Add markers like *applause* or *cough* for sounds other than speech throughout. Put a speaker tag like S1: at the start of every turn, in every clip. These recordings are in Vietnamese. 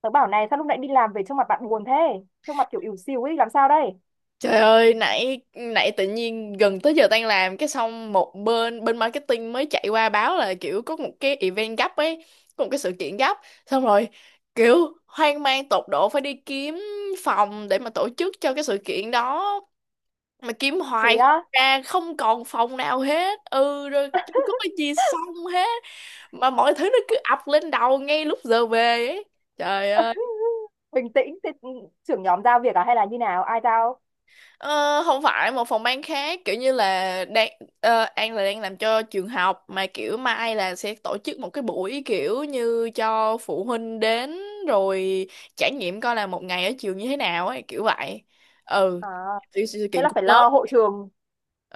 S1: Tớ bảo này sao lúc nãy đi làm về trông mặt bạn buồn thế? Trông mặt kiểu ỉu xìu ấy, làm sao đây?
S2: Trời ơi, nãy nãy tự nhiên gần tới giờ tan làm cái xong một bên bên marketing mới chạy qua báo là kiểu có một cái event gấp ấy, có một cái sự kiện gấp. Xong rồi kiểu hoang mang tột độ phải đi kiếm phòng để mà tổ chức cho cái sự kiện đó mà kiếm
S1: Thế
S2: hoài không
S1: á,
S2: ra, không còn phòng nào hết. Ừ rồi kiếm có cái gì xong hết mà mọi thứ nó cứ ập lên đầu ngay lúc giờ về ấy. Trời ơi.
S1: bình tĩnh, thế trưởng nhóm giao việc à hay là như nào? Ai giao?
S2: Ờ, không phải một phòng ban khác kiểu như là đang An là đang làm cho trường học mà kiểu mai là sẽ tổ chức một cái buổi kiểu như cho phụ huynh đến rồi trải nghiệm coi là một ngày ở trường như thế nào ấy kiểu vậy, ừ,
S1: À,
S2: sự, sự
S1: thế
S2: kiện
S1: là
S2: cũng
S1: phải
S2: lớn.
S1: lo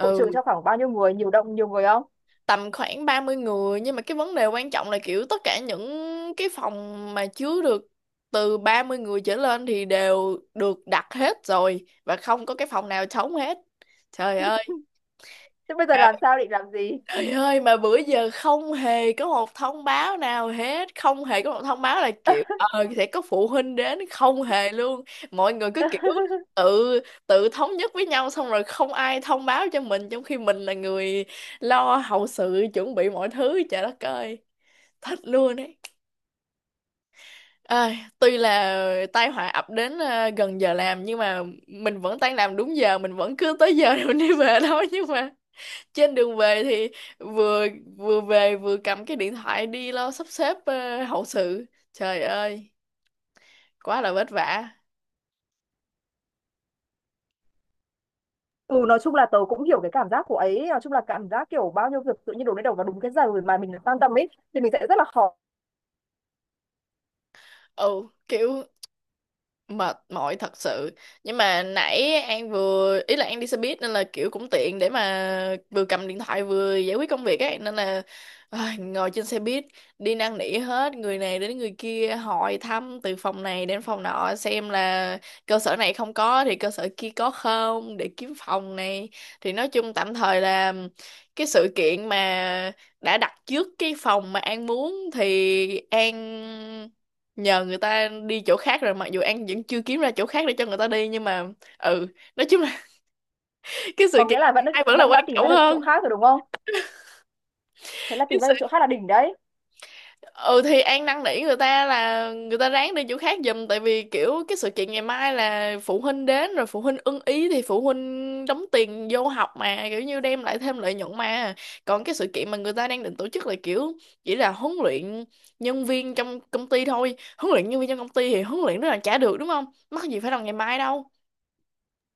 S1: hộ trường cho khoảng bao nhiêu người, nhiều đông, nhiều người không?
S2: tầm khoảng 30 người nhưng mà cái vấn đề quan trọng là kiểu tất cả những cái phòng mà chứa được từ 30 người trở lên thì đều được đặt hết rồi và không có cái phòng nào trống hết. Trời ơi.
S1: Thế bây giờ làm sao định làm gì?
S2: Trời ơi mà bữa giờ không hề có một thông báo nào hết. Không hề có một thông báo là kiểu ờ sẽ có phụ huynh đến. Không hề luôn. Mọi người cứ kiểu
S1: *laughs*
S2: tự tự thống nhất với nhau. Xong rồi không ai thông báo cho mình. Trong khi mình là người lo hậu sự, chuẩn bị mọi thứ. Trời đất ơi. Thích luôn ấy. Ơi, tuy là tai họa ập đến gần giờ làm nhưng mà mình vẫn tan làm đúng giờ, mình vẫn cứ tới giờ *laughs* rồi đi về thôi, nhưng mà trên đường về thì vừa vừa về vừa cầm cái điện thoại đi lo sắp xếp hậu sự. Trời ơi, quá là vất vả.
S1: Ừ nói chung là tớ cũng hiểu cái cảm giác của ấy, nói chung là cảm giác kiểu bao nhiêu việc tự nhiên đổ lên đầu vào đúng cái giờ mà mình quan tâm ấy thì mình sẽ rất là khó.
S2: Ừ, kiểu mệt mỏi thật sự. Nhưng mà nãy An vừa ý là An đi xe buýt nên là kiểu cũng tiện để mà vừa cầm điện thoại vừa giải quyết công việc ấy, nên là ai, ngồi trên xe buýt đi năn nỉ hết người này đến người kia, hỏi thăm từ phòng này đến phòng nọ xem là cơ sở này không có thì cơ sở kia có không, để kiếm phòng này. Thì nói chung tạm thời là cái sự kiện mà đã đặt trước cái phòng mà An muốn thì An nhờ người ta đi chỗ khác rồi, mặc dù An vẫn chưa kiếm ra chỗ khác để cho người ta đi, nhưng mà ừ, nói chung là *laughs* cái sự
S1: Có nghĩa
S2: kiện
S1: là vẫn
S2: ai vẫn là
S1: vẫn
S2: quan
S1: đã tìm
S2: trọng
S1: ra được chỗ
S2: hơn.
S1: khác rồi đúng không? Thế là
S2: Cái
S1: tìm ra
S2: sự,
S1: được chỗ khác là đỉnh đấy.
S2: ừ, thì An năn nỉ người ta là người ta ráng đi chỗ khác giùm, tại vì kiểu cái sự kiện ngày mai là phụ huynh đến rồi, phụ huynh ưng ý thì phụ huynh đóng tiền vô học mà, kiểu như đem lại thêm lợi nhuận mà. Còn cái sự kiện mà người ta đang định tổ chức là kiểu chỉ là huấn luyện nhân viên trong công ty thôi, huấn luyện nhân viên trong công ty thì huấn luyện rất là trả được đúng không, mắc gì phải làm ngày mai đâu,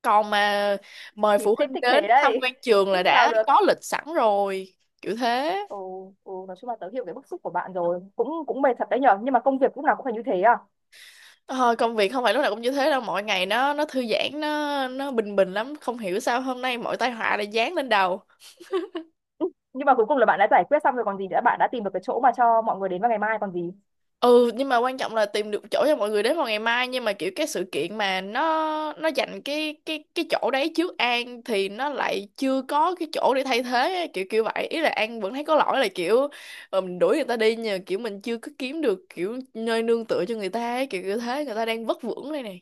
S2: còn mà mời
S1: Thì
S2: phụ
S1: ship
S2: huynh
S1: thích thế
S2: đến tham
S1: đấy.
S2: quan
S1: *laughs*
S2: trường
S1: Thế
S2: là
S1: sao
S2: đã
S1: được.
S2: có lịch sẵn rồi, kiểu thế.
S1: ừ, nói chung là tớ hiểu cái bức xúc của bạn rồi, cũng cũng mệt thật đấy nhở, nhưng mà công việc lúc nào cũng phải như thế à?
S2: Ờ, công việc không phải lúc nào cũng như thế đâu, mọi ngày nó thư giãn, nó bình bình lắm, không hiểu sao hôm nay mọi tai họa lại giáng lên đầu.
S1: Ừ, nhưng mà cuối cùng là bạn đã giải quyết xong rồi còn gì nữa, bạn đã tìm được cái chỗ mà cho mọi người đến vào ngày mai còn gì.
S2: Ừ, nhưng mà quan trọng là tìm được chỗ cho mọi người đến vào ngày mai, nhưng mà kiểu cái sự kiện mà nó dành cái chỗ đấy trước An thì nó lại chưa có cái chỗ để thay thế á, kiểu kiểu vậy, ý là An vẫn thấy có lỗi, là kiểu mình đuổi người ta đi nhờ, kiểu mình chưa có kiếm được kiểu nơi nương tựa cho người ta ấy, kiểu kiểu thế, người ta đang vất vưởng đây nè.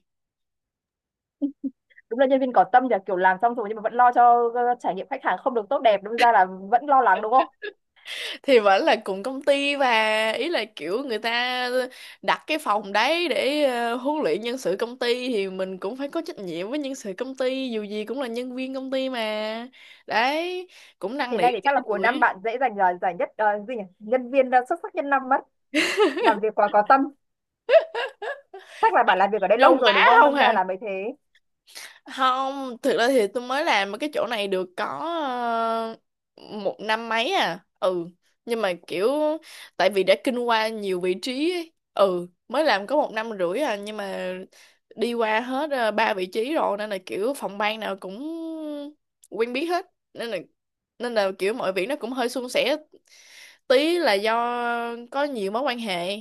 S1: Đúng là nhân viên có tâm nhỉ, kiểu làm xong rồi nhưng mà vẫn lo cho trải nghiệm khách hàng không được tốt đẹp, đâm ra là vẫn lo lắng đúng không?
S2: Thì vẫn là cùng công ty, và ý là kiểu người ta đặt cái phòng đấy để huấn luyện nhân sự công ty, thì mình cũng phải có trách nhiệm với nhân sự công ty, dù gì cũng là nhân viên công ty mà. Đấy, cũng năn
S1: Thế
S2: nỉ
S1: này thì chắc là cuối năm
S2: đuổi,
S1: bạn dễ giành giải nhất, gì nhỉ? Nhân viên xuất sắc nhất năm mất. Làm việc quá có tâm. Chắc là bạn làm việc ở đây
S2: nói
S1: lâu rồi
S2: quá
S1: đúng không,
S2: không
S1: đâm ra
S2: hà.
S1: là mới thế.
S2: Không, thực ra thì tôi mới làm ở cái chỗ này được có ờ, một năm mấy à. Ừ, nhưng mà kiểu tại vì đã kinh qua nhiều vị trí ấy. Ừ, mới làm có một năm rưỡi à, nhưng mà đi qua hết ba vị trí rồi, nên là kiểu phòng ban nào cũng quen biết hết, nên là nên là kiểu mọi việc nó cũng hơi suôn sẻ tí là do có nhiều mối quan hệ,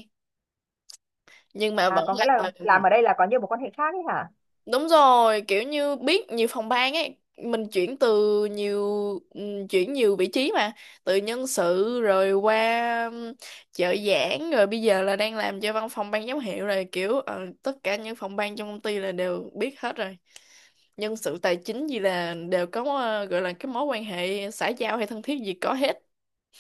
S2: nhưng mà
S1: À,
S2: vẫn
S1: có nghĩa là
S2: là.
S1: làm ở đây là có nhiều mối quan hệ khác ấy hả?
S2: Đúng rồi, kiểu như biết nhiều phòng ban ấy, mình chuyển từ nhiều chuyển nhiều vị trí mà, từ nhân sự rồi qua trợ giảng, rồi bây giờ là đang làm cho văn phòng ban giám hiệu rồi, kiểu tất cả những phòng ban trong công ty là đều biết hết rồi. Nhân sự tài chính gì là đều có gọi là cái mối quan hệ xã giao hay thân thiết gì có hết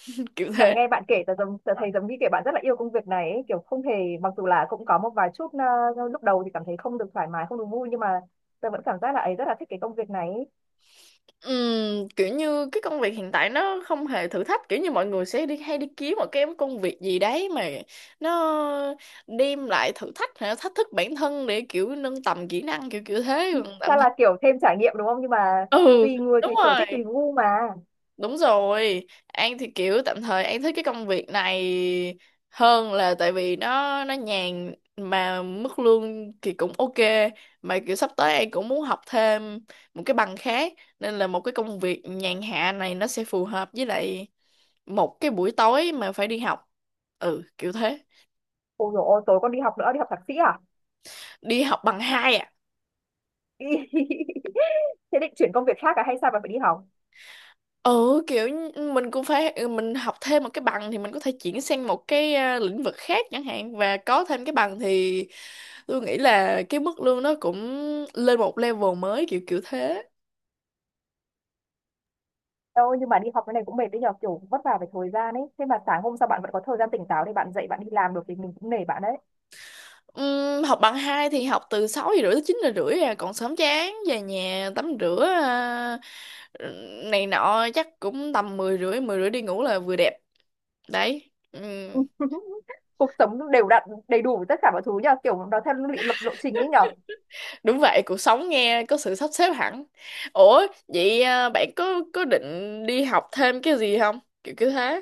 S2: *laughs* kiểu
S1: Mà
S2: thế.
S1: nghe bạn kể tớ giống, tớ thấy giống như kiểu bạn rất là yêu công việc này ấy, kiểu không hề, mặc dù là cũng có một vài chút lúc đầu thì cảm thấy không được thoải mái, không được vui, nhưng mà tớ vẫn cảm giác là ấy rất là thích cái công việc này ấy.
S2: Kiểu như cái công việc hiện tại nó không hề thử thách, kiểu như mọi người sẽ đi hay đi kiếm một cái công việc gì đấy mà nó đem lại thử thách hay là thách thức bản thân để kiểu nâng tầm kỹ năng, kiểu kiểu thế, còn tạm
S1: Chắc
S2: thời
S1: là kiểu thêm trải nghiệm đúng không, nhưng mà
S2: ừ
S1: tùy người
S2: đúng
S1: tùy sở thích tùy
S2: rồi.
S1: gu mà.
S2: Đúng rồi, An thì kiểu tạm thời An thích cái công việc này hơn, là tại vì nó nhàn mà mức lương thì cũng ok, mà kiểu sắp tới An cũng muốn học thêm một cái bằng khác, nên là một cái công việc nhàn hạ này nó sẽ phù hợp với lại một cái buổi tối mà phải đi học. Ừ, kiểu thế.
S1: Ôi dồi ôi tối con đi học nữa, đi học thạc sĩ à?
S2: Đi học bằng hai à?
S1: *laughs* Thế định chuyển công việc khác à hay sao bạn phải đi học?
S2: Ừ kiểu như ừ, mình cũng phải ừ, mình học thêm một cái bằng thì mình có thể chuyển sang một cái à, lĩnh vực khác chẳng hạn, và có thêm cái bằng thì tôi nghĩ là cái mức lương nó cũng lên một level mới, kiểu kiểu thế.
S1: Đâu nhưng mà đi học cái này cũng mệt đấy nhờ, kiểu vất vả về thời gian ấy, thế mà sáng hôm sau bạn vẫn có thời gian tỉnh táo để bạn dậy bạn đi làm được thì mình cũng nể bạn đấy.
S2: Học bằng hai thì học từ 6 giờ rưỡi tới 9 giờ rưỡi à, còn sớm chán, về nhà tắm rửa à, này nọ chắc cũng tầm mười rưỡi đi ngủ là vừa đẹp đấy. Ừm.
S1: *laughs* Cuộc sống đều đặn đầy đủ tất cả mọi thứ nhờ, kiểu nó theo lý lập lộ trình ấy nhở.
S2: Đúng vậy, cuộc sống nghe có sự sắp xếp hẳn. Ủa, vậy à, bạn có định đi học thêm cái gì không? Kiểu kiểu thế.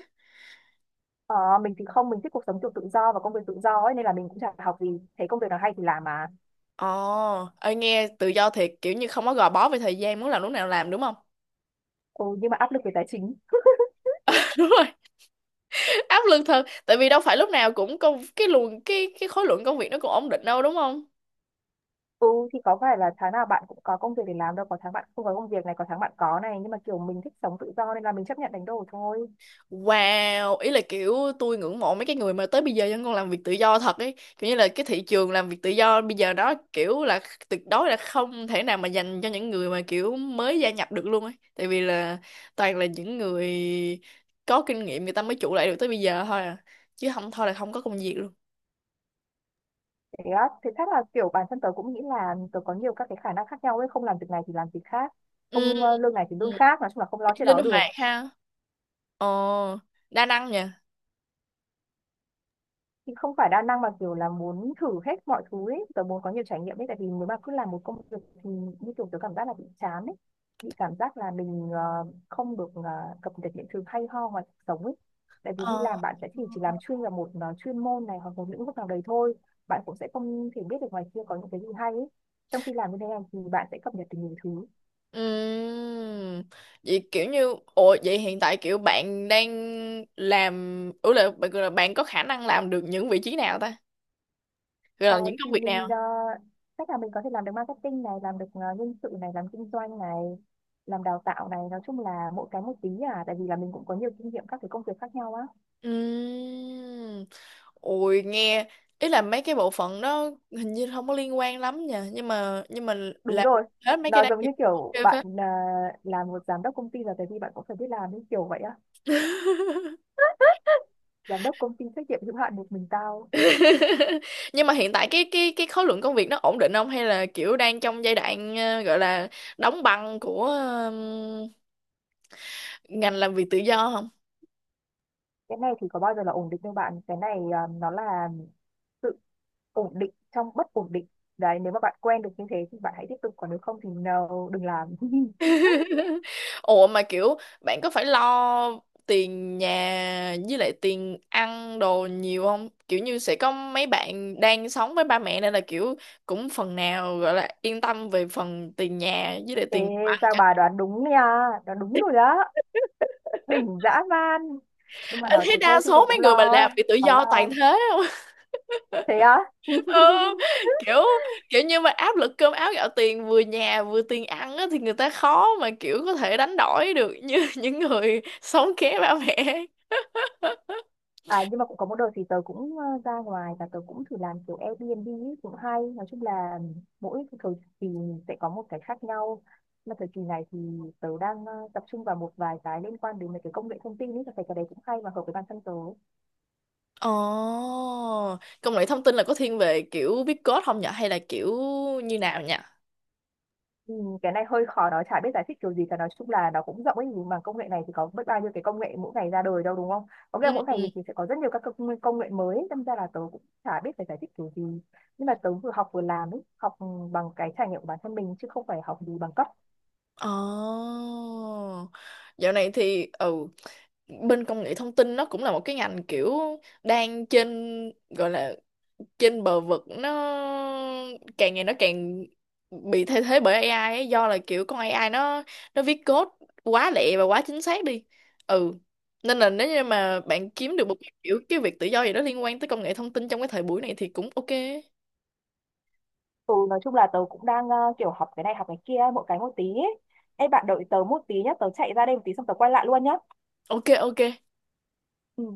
S1: ờ, mình thì không, mình thích cuộc sống kiểu tự do và công việc tự do ấy, nên là mình cũng chả học gì, thấy công việc nào hay thì làm mà.
S2: Ồ, ơi nghe tự do thiệt, kiểu như không có gò bó về thời gian, muốn làm lúc nào làm đúng không?
S1: Ừ, nhưng mà áp lực về tài chính.
S2: *laughs* Đúng rồi, áp lực thật, tại vì đâu phải lúc nào cũng công cái luồng cái khối lượng công việc nó cũng ổn định đâu đúng không?
S1: Ừ thì có phải là tháng nào bạn cũng có công việc để làm đâu, có tháng bạn không có công việc này, có tháng bạn có này, nhưng mà kiểu mình thích sống tự do nên là mình chấp nhận đánh đổi thôi.
S2: Wow, ý là kiểu tôi ngưỡng mộ mấy cái người mà tới bây giờ vẫn còn làm việc tự do thật ấy. Kiểu như là cái thị trường làm việc tự do bây giờ đó kiểu là tuyệt đối là không thể nào mà dành cho những người mà kiểu mới gia nhập được luôn ấy. Tại vì là toàn là những người có kinh nghiệm người ta mới trụ lại được tới bây giờ thôi à. Chứ không thôi là không có công việc luôn.
S1: Thế á, thế chắc là kiểu bản thân tớ cũng nghĩ là tớ có nhiều các cái khả năng khác nhau ấy, không làm việc này thì làm việc khác,
S2: Ừ,
S1: không lương này thì lương
S2: ừ.
S1: khác, nói chung là không lo
S2: Kiểu
S1: chuyện
S2: như
S1: đó
S2: linh
S1: được.
S2: hoạt ha. Ờ, đa năng nha.
S1: Thì không phải đa năng, mà kiểu là muốn thử hết mọi thứ ấy, tớ muốn có nhiều trải nghiệm ấy, tại vì nếu mà cứ làm một công việc thì như kiểu tớ cảm giác là bị chán ấy, bị cảm giác là mình không được cập nhật những thứ hay ho ngoài cuộc sống ấy, tại vì đi
S2: Ờ.
S1: làm bạn sẽ chỉ làm chuyên vào một chuyên môn này hoặc một lĩnh vực nào đấy thôi, bạn cũng sẽ không thể biết được ngoài kia có những cái gì hay ấy, trong khi làm như thế này thì bạn sẽ cập nhật được nhiều thứ.
S2: Ừm, vậy kiểu như ồ vậy hiện tại kiểu bạn đang làm, ừ là bạn có khả năng làm được những vị trí nào ta? Rồi
S1: Ờ,
S2: là những
S1: thì
S2: công việc
S1: mình
S2: nào?
S1: chắc là mình có thể làm được marketing này, làm được nhân sự này, làm kinh doanh này, làm đào tạo này, nói chung là mỗi cái một tí, à, tại vì là mình cũng có nhiều kinh nghiệm các cái công việc khác nhau á.
S2: Ừm. Ôi nghe ý là mấy cái bộ phận đó hình như không có liên quan lắm nha, nhưng mà
S1: Đúng
S2: làm
S1: rồi,
S2: hết mấy cái
S1: nó
S2: đấy
S1: giống
S2: thì
S1: như kiểu
S2: ok
S1: bạn
S2: phết.
S1: làm một giám đốc công ty, là tại vì bạn cũng phải biết làm như kiểu vậy á. Giám đốc công ty trách nhiệm hữu hạn một mình tao.
S2: *laughs* Nhưng mà hiện tại cái khối lượng công việc nó ổn định không, hay là kiểu đang trong giai đoạn gọi là đóng băng của ngành làm việc tự do không?
S1: Cái này thì có bao giờ là ổn định đâu bạn, cái này nó là sự ổn định trong bất ổn định. Đấy, nếu mà bạn quen được như thế thì bạn hãy tiếp tục, còn nếu không thì no, đừng làm. *laughs*
S2: *laughs* Ủa mà kiểu bạn có phải lo tiền nhà với lại tiền ăn đồ nhiều không? Kiểu như sẽ có mấy bạn đang sống với ba mẹ nên là kiểu cũng phần nào gọi là yên tâm về phần tiền nhà với lại
S1: Ê,
S2: tiền đồ ăn
S1: sao
S2: chẳng
S1: bà
S2: hạn.
S1: đoán đúng nha, đoán đúng rồi đó, đỉnh dã man. Nhưng mà
S2: Anh
S1: nói
S2: thấy
S1: thế thôi
S2: đa
S1: chứ tôi
S2: số mấy
S1: cũng
S2: người mà
S1: lo, ấy.
S2: làm bị tự
S1: Bà
S2: do
S1: lo.
S2: toàn thế không?
S1: Thế á?
S2: *laughs* Ừ,
S1: *laughs*
S2: kiểu kiểu như mà áp lực cơm áo gạo tiền, vừa nhà vừa tiền ăn á, thì người ta khó mà kiểu có thể đánh đổi được như *laughs* những người sống ké ba mẹ.
S1: À nhưng mà cũng có một đợt thì tớ cũng ra ngoài và tớ cũng thử làm kiểu Airbnb ấy, cũng hay. Nói chung là mỗi cái thời kỳ sẽ có một cái khác nhau. Mà thời kỳ này thì tớ đang tập trung vào một vài cái liên quan đến mấy cái công nghệ thông tin ấy, tớ thấy cái đấy cũng hay và hợp với bản thân tớ.
S2: Ồ, công nghệ thông tin là có thiên về kiểu viết code không nhở? Hay là kiểu như nào nhỉ?
S1: Ừ, cái này hơi khó nói, chả biết giải thích kiểu gì cả, nói chung là nó cũng rộng ấy, nhưng mà công nghệ này thì có biết bao nhiêu cái công nghệ mỗi ngày ra đời đâu đúng không? Có nghĩa là
S2: Ừ,
S1: mỗi ngày
S2: ừ.
S1: thì sẽ có rất nhiều các công nghệ mới ấy, đâm ra là tớ cũng chả biết phải giải thích kiểu gì, nhưng mà tớ vừa học vừa làm ấy, học bằng cái trải nghiệm của bản thân mình chứ không phải học gì bằng cấp.
S2: Ồ, dạo này thì ừ, bên công nghệ thông tin nó cũng là một cái ngành kiểu đang trên, gọi là trên bờ vực, nó càng ngày nó càng bị thay thế bởi AI ấy, do là kiểu con AI nó viết code quá lẹ và quá chính xác đi. Ừ, nên là nếu như mà bạn kiếm được một cái kiểu cái việc tự do gì đó liên quan tới công nghệ thông tin trong cái thời buổi này thì cũng ok.
S1: Ừ nói chung là tớ cũng đang kiểu học cái này học cái kia mỗi cái một tí ấy. Ê bạn đợi tớ một tí nhá, tớ chạy ra đây một tí xong tớ quay lại luôn nhá.
S2: Ok, ok.
S1: Ừ.